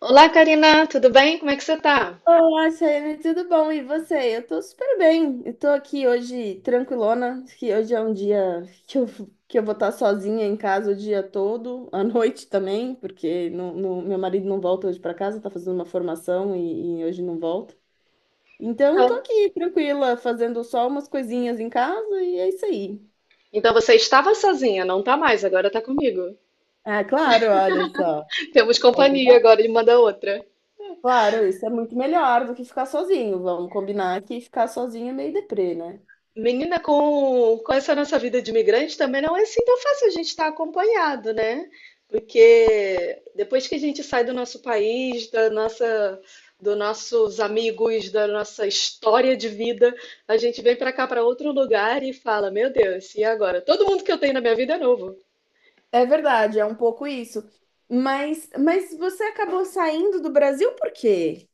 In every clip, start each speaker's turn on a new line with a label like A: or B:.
A: Olá, Karina, tudo bem? Como é que você tá?
B: Olá, Shane, tudo bom? E você? Eu tô super bem. Eu tô aqui hoje tranquilona, que hoje é um dia que eu vou estar sozinha em casa o dia todo, à noite também, porque meu marido não volta hoje para casa, tá fazendo uma formação e hoje não volta. Então, tô
A: Ah,
B: aqui tranquila, fazendo só umas coisinhas em casa e é isso aí.
A: então você estava sozinha, não tá mais, agora tá comigo.
B: Ah, claro, olha só.
A: Temos
B: É
A: companhia
B: verdade?
A: agora de uma da outra.
B: Claro, isso é muito melhor do que ficar sozinho. Vamos combinar que ficar sozinho é meio deprê, né?
A: Menina, com essa nossa vida de imigrante também não é assim tão fácil a gente estar acompanhado, né? Porque depois que a gente sai do nosso país, dos nossos amigos, da nossa história de vida, a gente vem pra cá, pra outro lugar e fala: Meu Deus, e agora? Todo mundo que eu tenho na minha vida é novo.
B: É verdade, é um pouco isso. Mas você acabou saindo do Brasil por quê?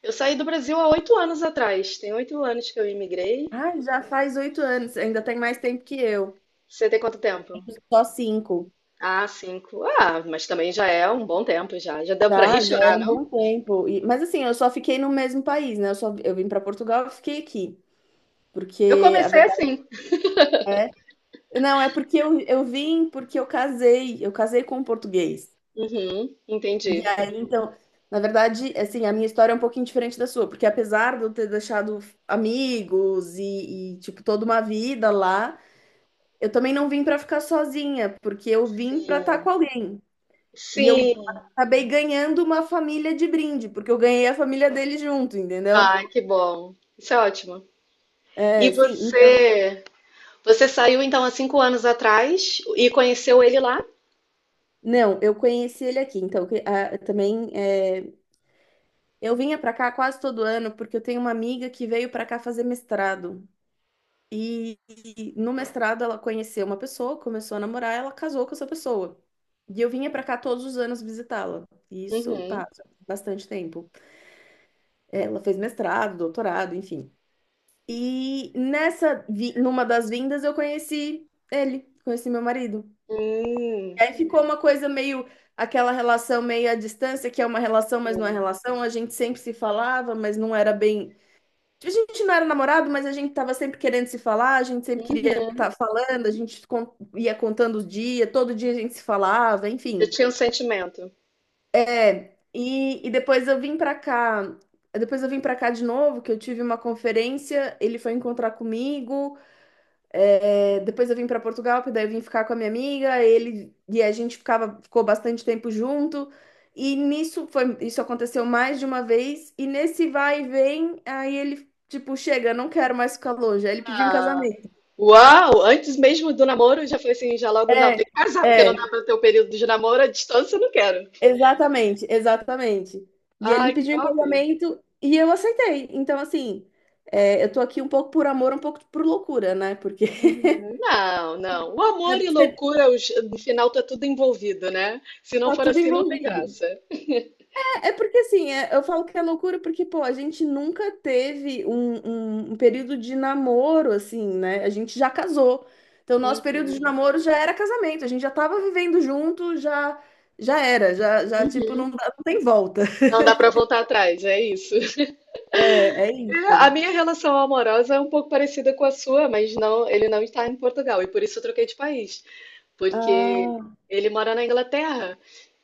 A: Eu saí do Brasil há 8 anos atrás. Tem 8 anos que eu imigrei.
B: Ah, já faz 8 anos, ainda tem mais tempo que eu.
A: Você tem quanto tempo?
B: Só cinco.
A: Ah, cinco. Ah, mas também já é um bom tempo já. Já deu pra rir e
B: Já, já é
A: chorar,
B: um
A: não?
B: bom tempo. Mas assim, eu só fiquei no mesmo país, né? Eu vim para Portugal e fiquei aqui.
A: Eu
B: Porque a
A: comecei
B: verdade
A: assim.
B: é. Não, é porque eu vim porque eu casei. Eu casei com um português.
A: Uhum,
B: E
A: entendi.
B: aí, então, na verdade, assim, a minha história é um pouquinho diferente da sua, porque apesar de eu ter deixado amigos tipo, toda uma vida lá, eu também não vim pra ficar sozinha, porque eu vim pra estar com
A: Sim.
B: alguém. E eu
A: Sim.
B: acabei ganhando uma família de brinde, porque eu ganhei a família dele junto, entendeu?
A: Ah, que bom. Isso é ótimo. E
B: É, sim, então,
A: você, você saiu então há cinco anos atrás e conheceu ele lá?
B: não, eu conheci ele aqui, então, eu vinha pra cá quase todo ano, porque eu tenho uma amiga que veio pra cá fazer mestrado. E no mestrado ela conheceu uma pessoa, começou a namorar, ela casou com essa pessoa. E eu vinha pra cá todos os anos visitá-la. E isso
A: Uhum.
B: passa bastante tempo. Ela fez mestrado, doutorado, enfim. E nessa, numa das vindas eu conheci ele, conheci meu marido.
A: Hum.
B: E aí ficou uma coisa meio, aquela relação meio à distância, que é uma relação, mas não é relação. A gente sempre se falava, mas não era bem, a gente não era namorado, mas a gente tava sempre querendo se falar, a gente sempre queria estar
A: Uhum.
B: falando, a gente ia contando os dias, todo dia a gente se falava,
A: Eu
B: enfim.
A: tinha um sentimento.
B: É, e depois eu vim pra cá, depois eu vim pra cá de novo, que eu tive uma conferência, ele foi encontrar comigo, é, depois eu vim para Portugal, porque daí eu vim ficar com a minha amiga, ele e a gente ficava, ficou bastante tempo junto. E nisso foi, isso aconteceu mais de uma vez, e nesse vai e vem, aí ele tipo, chega, não quero mais ficar longe. Aí ele pediu em
A: Ah,
B: casamento.
A: uau! Antes mesmo do namoro, já foi assim, já logo, não,
B: É,
A: tem que casar, porque não
B: é,
A: dá para ter o período de namoro à distância, eu não quero.
B: exatamente, exatamente. E ele me
A: Ai, que
B: pediu em
A: top!
B: casamento e eu aceitei. Então, assim, é, eu tô aqui um pouco por amor, um pouco por loucura, né? Porque
A: Uhum. Não, não. O
B: né,
A: amor e
B: porque
A: loucura, no final tá tudo envolvido, né? Se não
B: tá
A: for
B: tudo
A: assim, não tem
B: envolvido.
A: graça.
B: É porque assim, eu falo que é loucura porque, pô, a gente nunca teve um, um período de namoro, assim, né? A gente já casou. Então, nosso período
A: Uhum.
B: de namoro já era casamento, a gente já tava vivendo junto, já, já era, já, já, tipo,
A: Uhum.
B: não, não tem volta.
A: Não dá para voltar atrás, é isso.
B: É, é
A: A
B: isso.
A: minha relação amorosa é um pouco parecida com a sua, mas não, ele não está em Portugal e por isso eu troquei de país, porque
B: Ah,
A: ele mora na Inglaterra.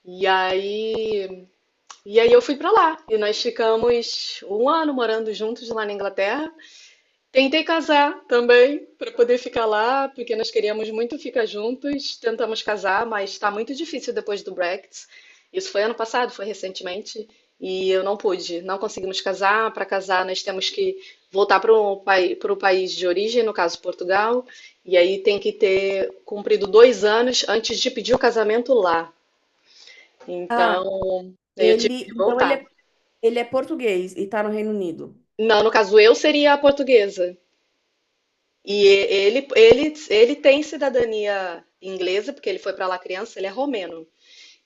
A: E aí E aí eu fui pra lá. E nós ficamos um ano morando juntos lá na Inglaterra. Tentei casar também para poder ficar lá, porque nós queríamos muito ficar juntos. Tentamos casar, mas está muito difícil depois do Brexit. Isso foi ano passado, foi recentemente, e eu não pude. Não conseguimos casar. Para casar, nós temos que voltar para o país de origem, no caso Portugal, e aí tem que ter cumprido 2 anos antes de pedir o casamento lá.
B: ah,
A: Então, eu tive
B: ele,
A: que
B: então ele
A: voltar.
B: é, ele é português e tá no Reino Unido.
A: Não, no caso eu seria a portuguesa. E e- ele tem cidadania inglesa, porque ele foi para lá criança, ele é romeno.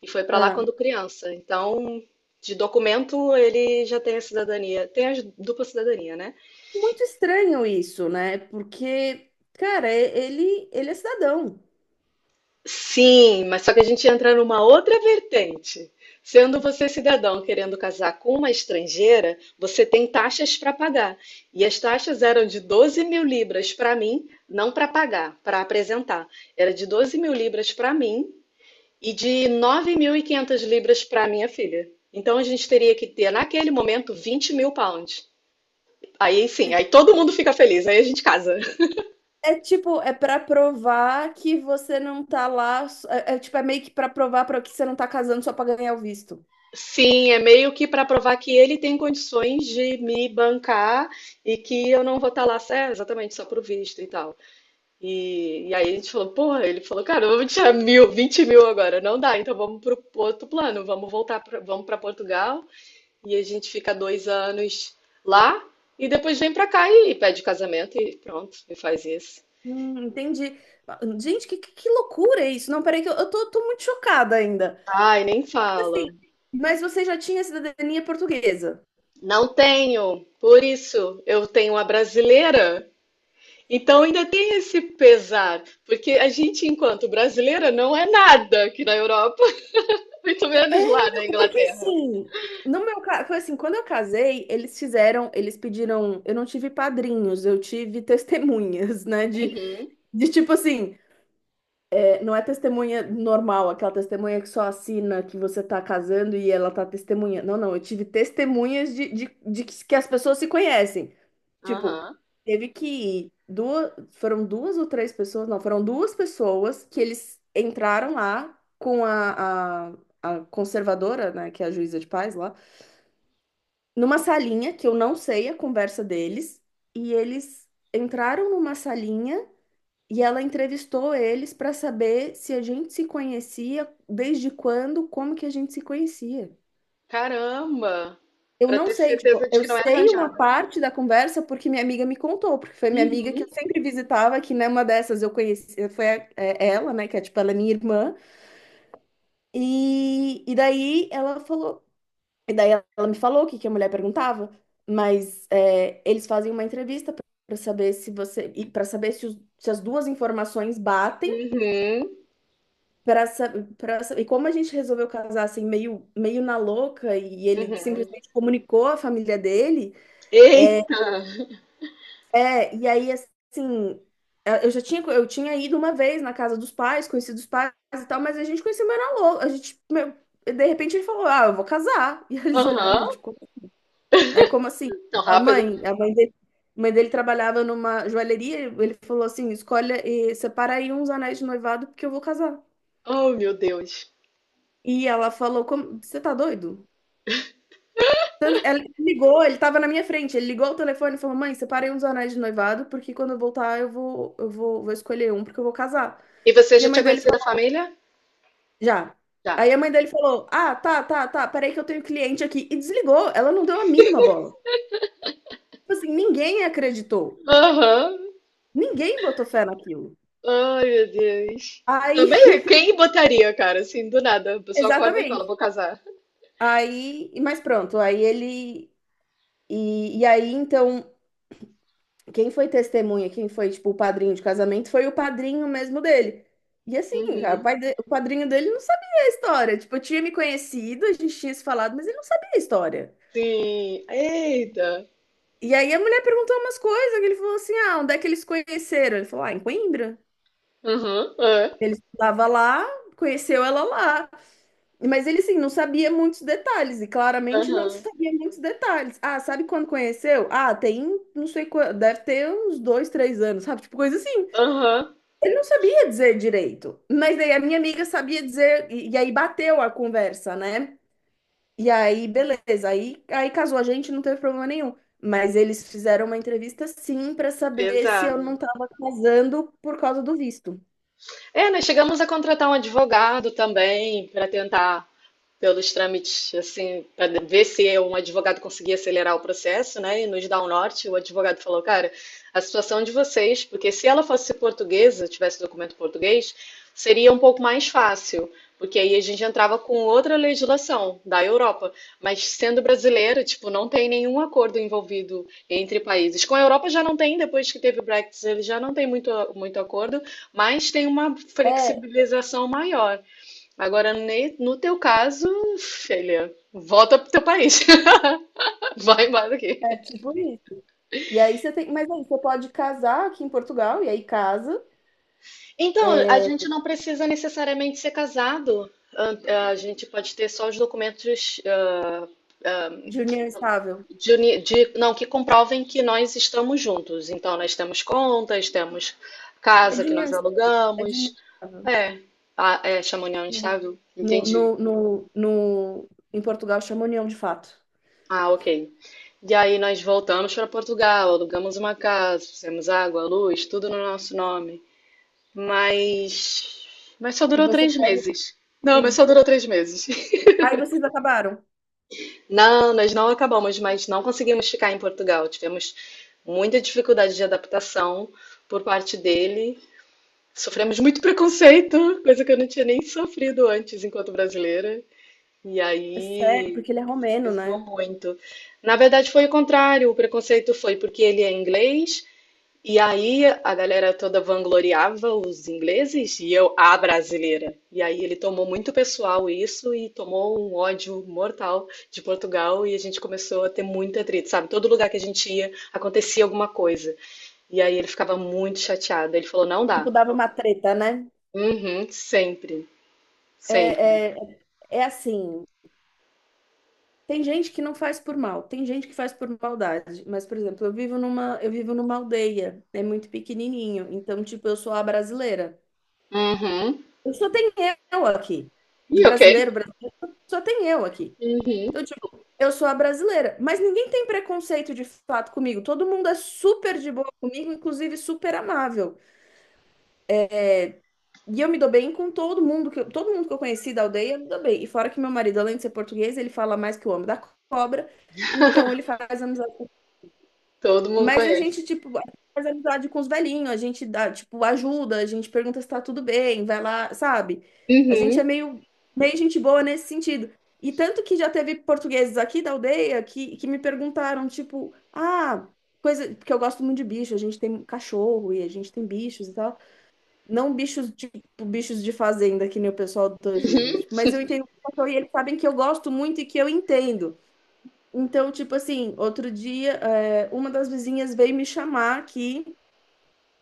A: E foi para lá
B: Ah,
A: quando criança. Então, de documento, ele já tem a cidadania. Tem a dupla cidadania, né?
B: muito estranho isso, né? Porque, cara, ele é cidadão.
A: Sim, mas só que a gente entra numa outra vertente. Sendo você cidadão querendo casar com uma estrangeira, você tem taxas para pagar. E as taxas eram de £12.000 para mim, não para pagar, para apresentar. Era de £12.000 para mim e de £9.500 para minha filha. Então a gente teria que ter, naquele momento, 20.000 pounds. Aí sim, aí todo mundo fica feliz, aí a gente casa.
B: É tipo, é pra provar que você não tá lá. É, é tipo, é meio que pra provar para que você não tá casando só pra ganhar o visto.
A: Sim, é meio que para provar que ele tem condições de me bancar e que eu não vou estar lá, é, exatamente, só pro visto e tal. E aí a gente falou, porra, ele falou, cara, vamos tirar mil, 20.000 agora, não dá, então vamos pro outro plano, vamos voltar, vamos para Portugal e a gente fica 2 anos lá e depois vem para cá e, pede casamento e pronto, e faz isso.
B: Entendi. Gente, que loucura é isso? Não, peraí, que tô muito chocada ainda.
A: Ai, nem fala.
B: Assim, mas você já tinha cidadania portuguesa?
A: Não tenho, por isso eu tenho a brasileira. Então ainda tem esse pesar, porque a gente, enquanto brasileira, não é nada aqui na Europa, muito
B: É,
A: menos lá na
B: não, porque
A: Inglaterra.
B: assim, no meu caso, foi assim, quando eu casei, eles fizeram, eles pediram, eu não tive padrinhos, eu tive testemunhas, né? De,
A: Uhum,
B: de tipo assim. Não é testemunha normal, aquela testemunha que só assina que você tá casando e ela tá testemunha. Não, não, eu tive testemunhas de que as pessoas se conhecem. Tipo,
A: aham.
B: teve que ir duas, foram duas ou três pessoas, não, foram duas pessoas que eles entraram lá com a conservadora, né, que é a juíza de paz lá, numa salinha que eu não sei a conversa deles, e eles entraram numa salinha. E ela entrevistou eles para saber se a gente se conhecia, desde quando, como que a gente se conhecia.
A: Caramba!
B: Eu
A: Para
B: não
A: ter
B: sei,
A: certeza
B: tipo,
A: de
B: eu
A: que não é
B: sei uma
A: arranjada.
B: parte da conversa porque minha amiga me contou, porque foi minha amiga
A: Uhum,
B: que eu sempre visitava, que numa dessas eu conheci, é, ela, né, que é tipo, ela é minha irmã, e daí ela falou, e daí ela me falou o que que a mulher perguntava, mas é, eles fazem uma entrevista para saber se você, e para saber se, se as duas informações batem.
A: uhum,
B: Pra, sa- e como a gente resolveu casar assim, meio, meio na louca, e ele
A: uhum.
B: simplesmente comunicou a família dele, é,
A: Eita!
B: é, e aí assim, é, eu já tinha, eu tinha ido uma vez na casa dos pais, conhecido os pais e tal, mas a gente conheceu meio na louca, a gente, meu, de repente ele falou, ah, eu vou casar, e eles olharam,
A: Aham,
B: mas tipo, né, como assim?
A: tão
B: Falaram,
A: rápido.
B: mãe, a mãe dele trabalhava numa joalheria, ele falou assim, escolhe, e separa aí uns anéis de noivado, porque eu vou casar.
A: Oh, meu Deus.
B: E ela falou, como, você tá doido? Ela ligou, ele tava na minha frente. Ele ligou o telefone e falou: Mãe, separei uns anéis de noivado, porque quando eu voltar eu vou, vou escolher um, porque eu vou casar.
A: E você
B: E
A: já
B: a
A: tinha
B: mãe dele
A: conhecido a
B: falou:
A: família?
B: Já.
A: Já.
B: Aí a mãe dele falou: Ah, tá, tá, tá, peraí que eu tenho cliente aqui. E desligou. Ela não deu a mínima bola. Tipo assim, ninguém acreditou.
A: Aham.
B: Ninguém botou fé naquilo.
A: Ai, meu Deus.
B: Aí,
A: Também, quem botaria, cara, assim, do nada? A pessoa acorda e fala,
B: exatamente.
A: vou casar.
B: Aí, mas pronto, aí ele. E aí, então. Quem foi testemunha, quem foi, tipo, o padrinho de casamento, foi o padrinho mesmo dele. E assim, cara,
A: Uhum.
B: o padrinho dele não sabia a história. Tipo, eu tinha me conhecido, a gente tinha se falado, mas ele não sabia a história.
A: Sim. Eita.
B: E aí a mulher perguntou umas coisas, que ele falou assim: ah, onde é que eles se conheceram? Ele falou, ah, em Coimbra.
A: Aham, é.
B: Ele estava lá, conheceu ela lá. Mas ele, assim, não sabia muitos detalhes, e claramente não
A: Aham,
B: sabia muitos detalhes. Ah, sabe quando conheceu? Ah, tem, não sei, deve ter uns dois, três anos, sabe? Tipo, coisa assim.
A: aham.
B: Ele não sabia dizer direito, mas daí a minha amiga sabia dizer, e aí bateu a conversa, né? E aí, beleza, aí, aí casou a gente, não teve problema nenhum. Mas eles fizeram uma entrevista sim para saber se eu
A: Pesada.
B: não estava casando por causa do visto.
A: É, nós chegamos a contratar um advogado também para tentar pelos trâmites, assim, para ver se um advogado conseguia acelerar o processo, né, e nos dar um norte. O advogado falou, cara, a situação de vocês, porque se ela fosse portuguesa, tivesse documento português, seria um pouco mais fácil, porque aí a gente entrava com outra legislação da Europa. Mas sendo brasileira, tipo, não tem nenhum acordo envolvido entre países. Com a Europa já não tem, depois que teve o Brexit, ele já não tem muito, muito acordo, mas tem uma
B: É,
A: flexibilização maior. Agora, no teu caso, filha, volta pro teu país. Vai embora daqui.
B: é tipo isso. E aí você tem, mas aí você pode casar aqui em Portugal, e aí casa,
A: Então, a
B: é,
A: gente não precisa necessariamente ser casado. A gente pode ter só os documentos ah,
B: de união estável.
A: não, que comprovem que nós estamos juntos. Então, nós temos contas, temos
B: É
A: casa
B: de
A: que
B: união,
A: nós
B: é de união
A: alugamos.
B: estável.
A: É, é chama união estável.
B: No,
A: Entendi.
B: no, no, no- em Portugal chama união de fato.
A: Ah, ok. E aí nós voltamos para Portugal, alugamos uma casa, fizemos água, luz, tudo no nosso nome. Mas, mas só
B: E
A: durou
B: você
A: três
B: pode.
A: meses. Não, mas
B: E
A: só durou 3 meses.
B: aí vocês acabaram.
A: Não, nós não acabamos, mas não conseguimos ficar em Portugal. Tivemos muita dificuldade de adaptação por parte dele. Sofremos muito preconceito, coisa que eu não tinha nem sofrido antes enquanto brasileira. E
B: É sério,
A: aí
B: porque ele é romeno,
A: pesou
B: né?
A: muito. Na verdade, foi o contrário. O preconceito foi porque ele é inglês, e aí a galera toda vangloriava os ingleses e eu, a brasileira. E aí ele tomou muito pessoal isso e tomou um ódio mortal de Portugal e a gente começou a ter muito atrito, sabe? Todo lugar que a gente ia acontecia alguma coisa. E aí ele ficava muito chateado. Ele falou: não
B: Tipo,
A: dá.
B: dava uma treta, né?
A: Uhum, sempre, sempre.
B: É, é, assim, tem gente que não faz por mal, tem gente que faz por maldade. Mas, por exemplo, eu vivo numa aldeia, é muito pequenininho. Então, tipo, eu sou a brasileira.
A: Uhum.
B: Eu só tenho eu aqui. De
A: E ok.
B: brasileiro, brasileiro, só tem eu aqui.
A: Uhum.
B: Então, tipo, eu sou a brasileira. Mas ninguém tem preconceito de fato comigo. Todo mundo é super de boa comigo, inclusive super amável. E eu me dou bem com todo mundo que eu conheci da aldeia, eu me dou bem. E fora que meu marido, além de ser português, ele fala mais que o homem da cobra. Então ele faz amizade
A: Todo mundo
B: Mas a
A: conhece.
B: gente, tipo, faz amizade com os velhinhos, a gente dá, tipo, ajuda, a gente pergunta se tá tudo bem, vai lá, sabe? A gente
A: Uhum.
B: é meio, meio gente boa nesse sentido. E tanto que já teve portugueses aqui da aldeia que me perguntaram, tipo, ah, coisa, porque eu gosto muito de bicho, a gente tem cachorro e a gente tem bichos e tal. Não bichos, tipo, bichos de fazenda, que nem o pessoal do Tangerino. Tipo, mas eu entendo o que eu sou e eles sabem que eu gosto muito e que eu entendo. Então, tipo assim, outro dia, é, uma das vizinhas veio me chamar aqui.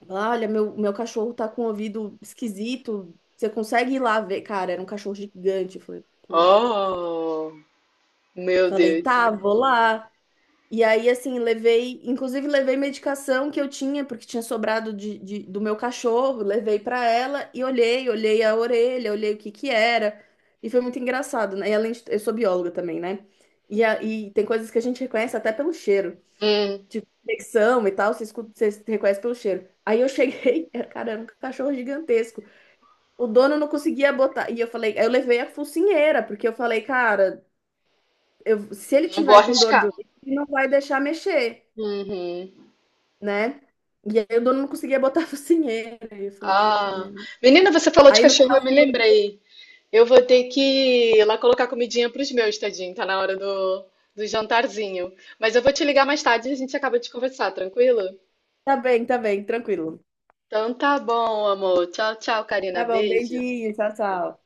B: Olha, meu cachorro tá com o ouvido esquisito. Você consegue ir lá ver? Cara, era um cachorro gigante. Eu falei, pô.
A: Oh, meu
B: Falei,
A: Deus.
B: tá, vou lá. E aí, assim, levei, inclusive levei medicação que eu tinha, porque tinha sobrado do meu cachorro, levei pra ela e olhei, olhei a orelha, olhei o que que era. E foi muito engraçado, né? E além de, eu sou bióloga também, né? E tem coisas que a gente reconhece até pelo cheiro,
A: Hum,
B: tipo infecção e tal, você escuta, você reconhece pelo cheiro. Aí eu cheguei, cara, era um cachorro gigantesco. O dono não conseguia botar. E eu falei, eu levei a focinheira, porque eu falei, cara, se ele
A: não vou
B: tiver com dor de
A: arriscar.
B: ouvido, ele não vai deixar mexer.
A: Uhum.
B: Né? E aí o dono não conseguia botar a focinheira. E eu falei, puta
A: Ah,
B: merda.
A: menina, você falou de
B: Aí no
A: cachorro, eu
B: final
A: me
B: fui eu.
A: lembrei. Eu vou ter que ir lá colocar comidinha pros meus, tadinho. Tá na hora do jantarzinho. Mas eu vou te ligar mais tarde e a gente acaba de conversar, tranquilo?
B: Tá bem, tá bem, tranquilo.
A: Então tá bom, amor. Tchau, tchau, Karina.
B: Tá bom,
A: Beijo.
B: beijinho, tchau, tchau.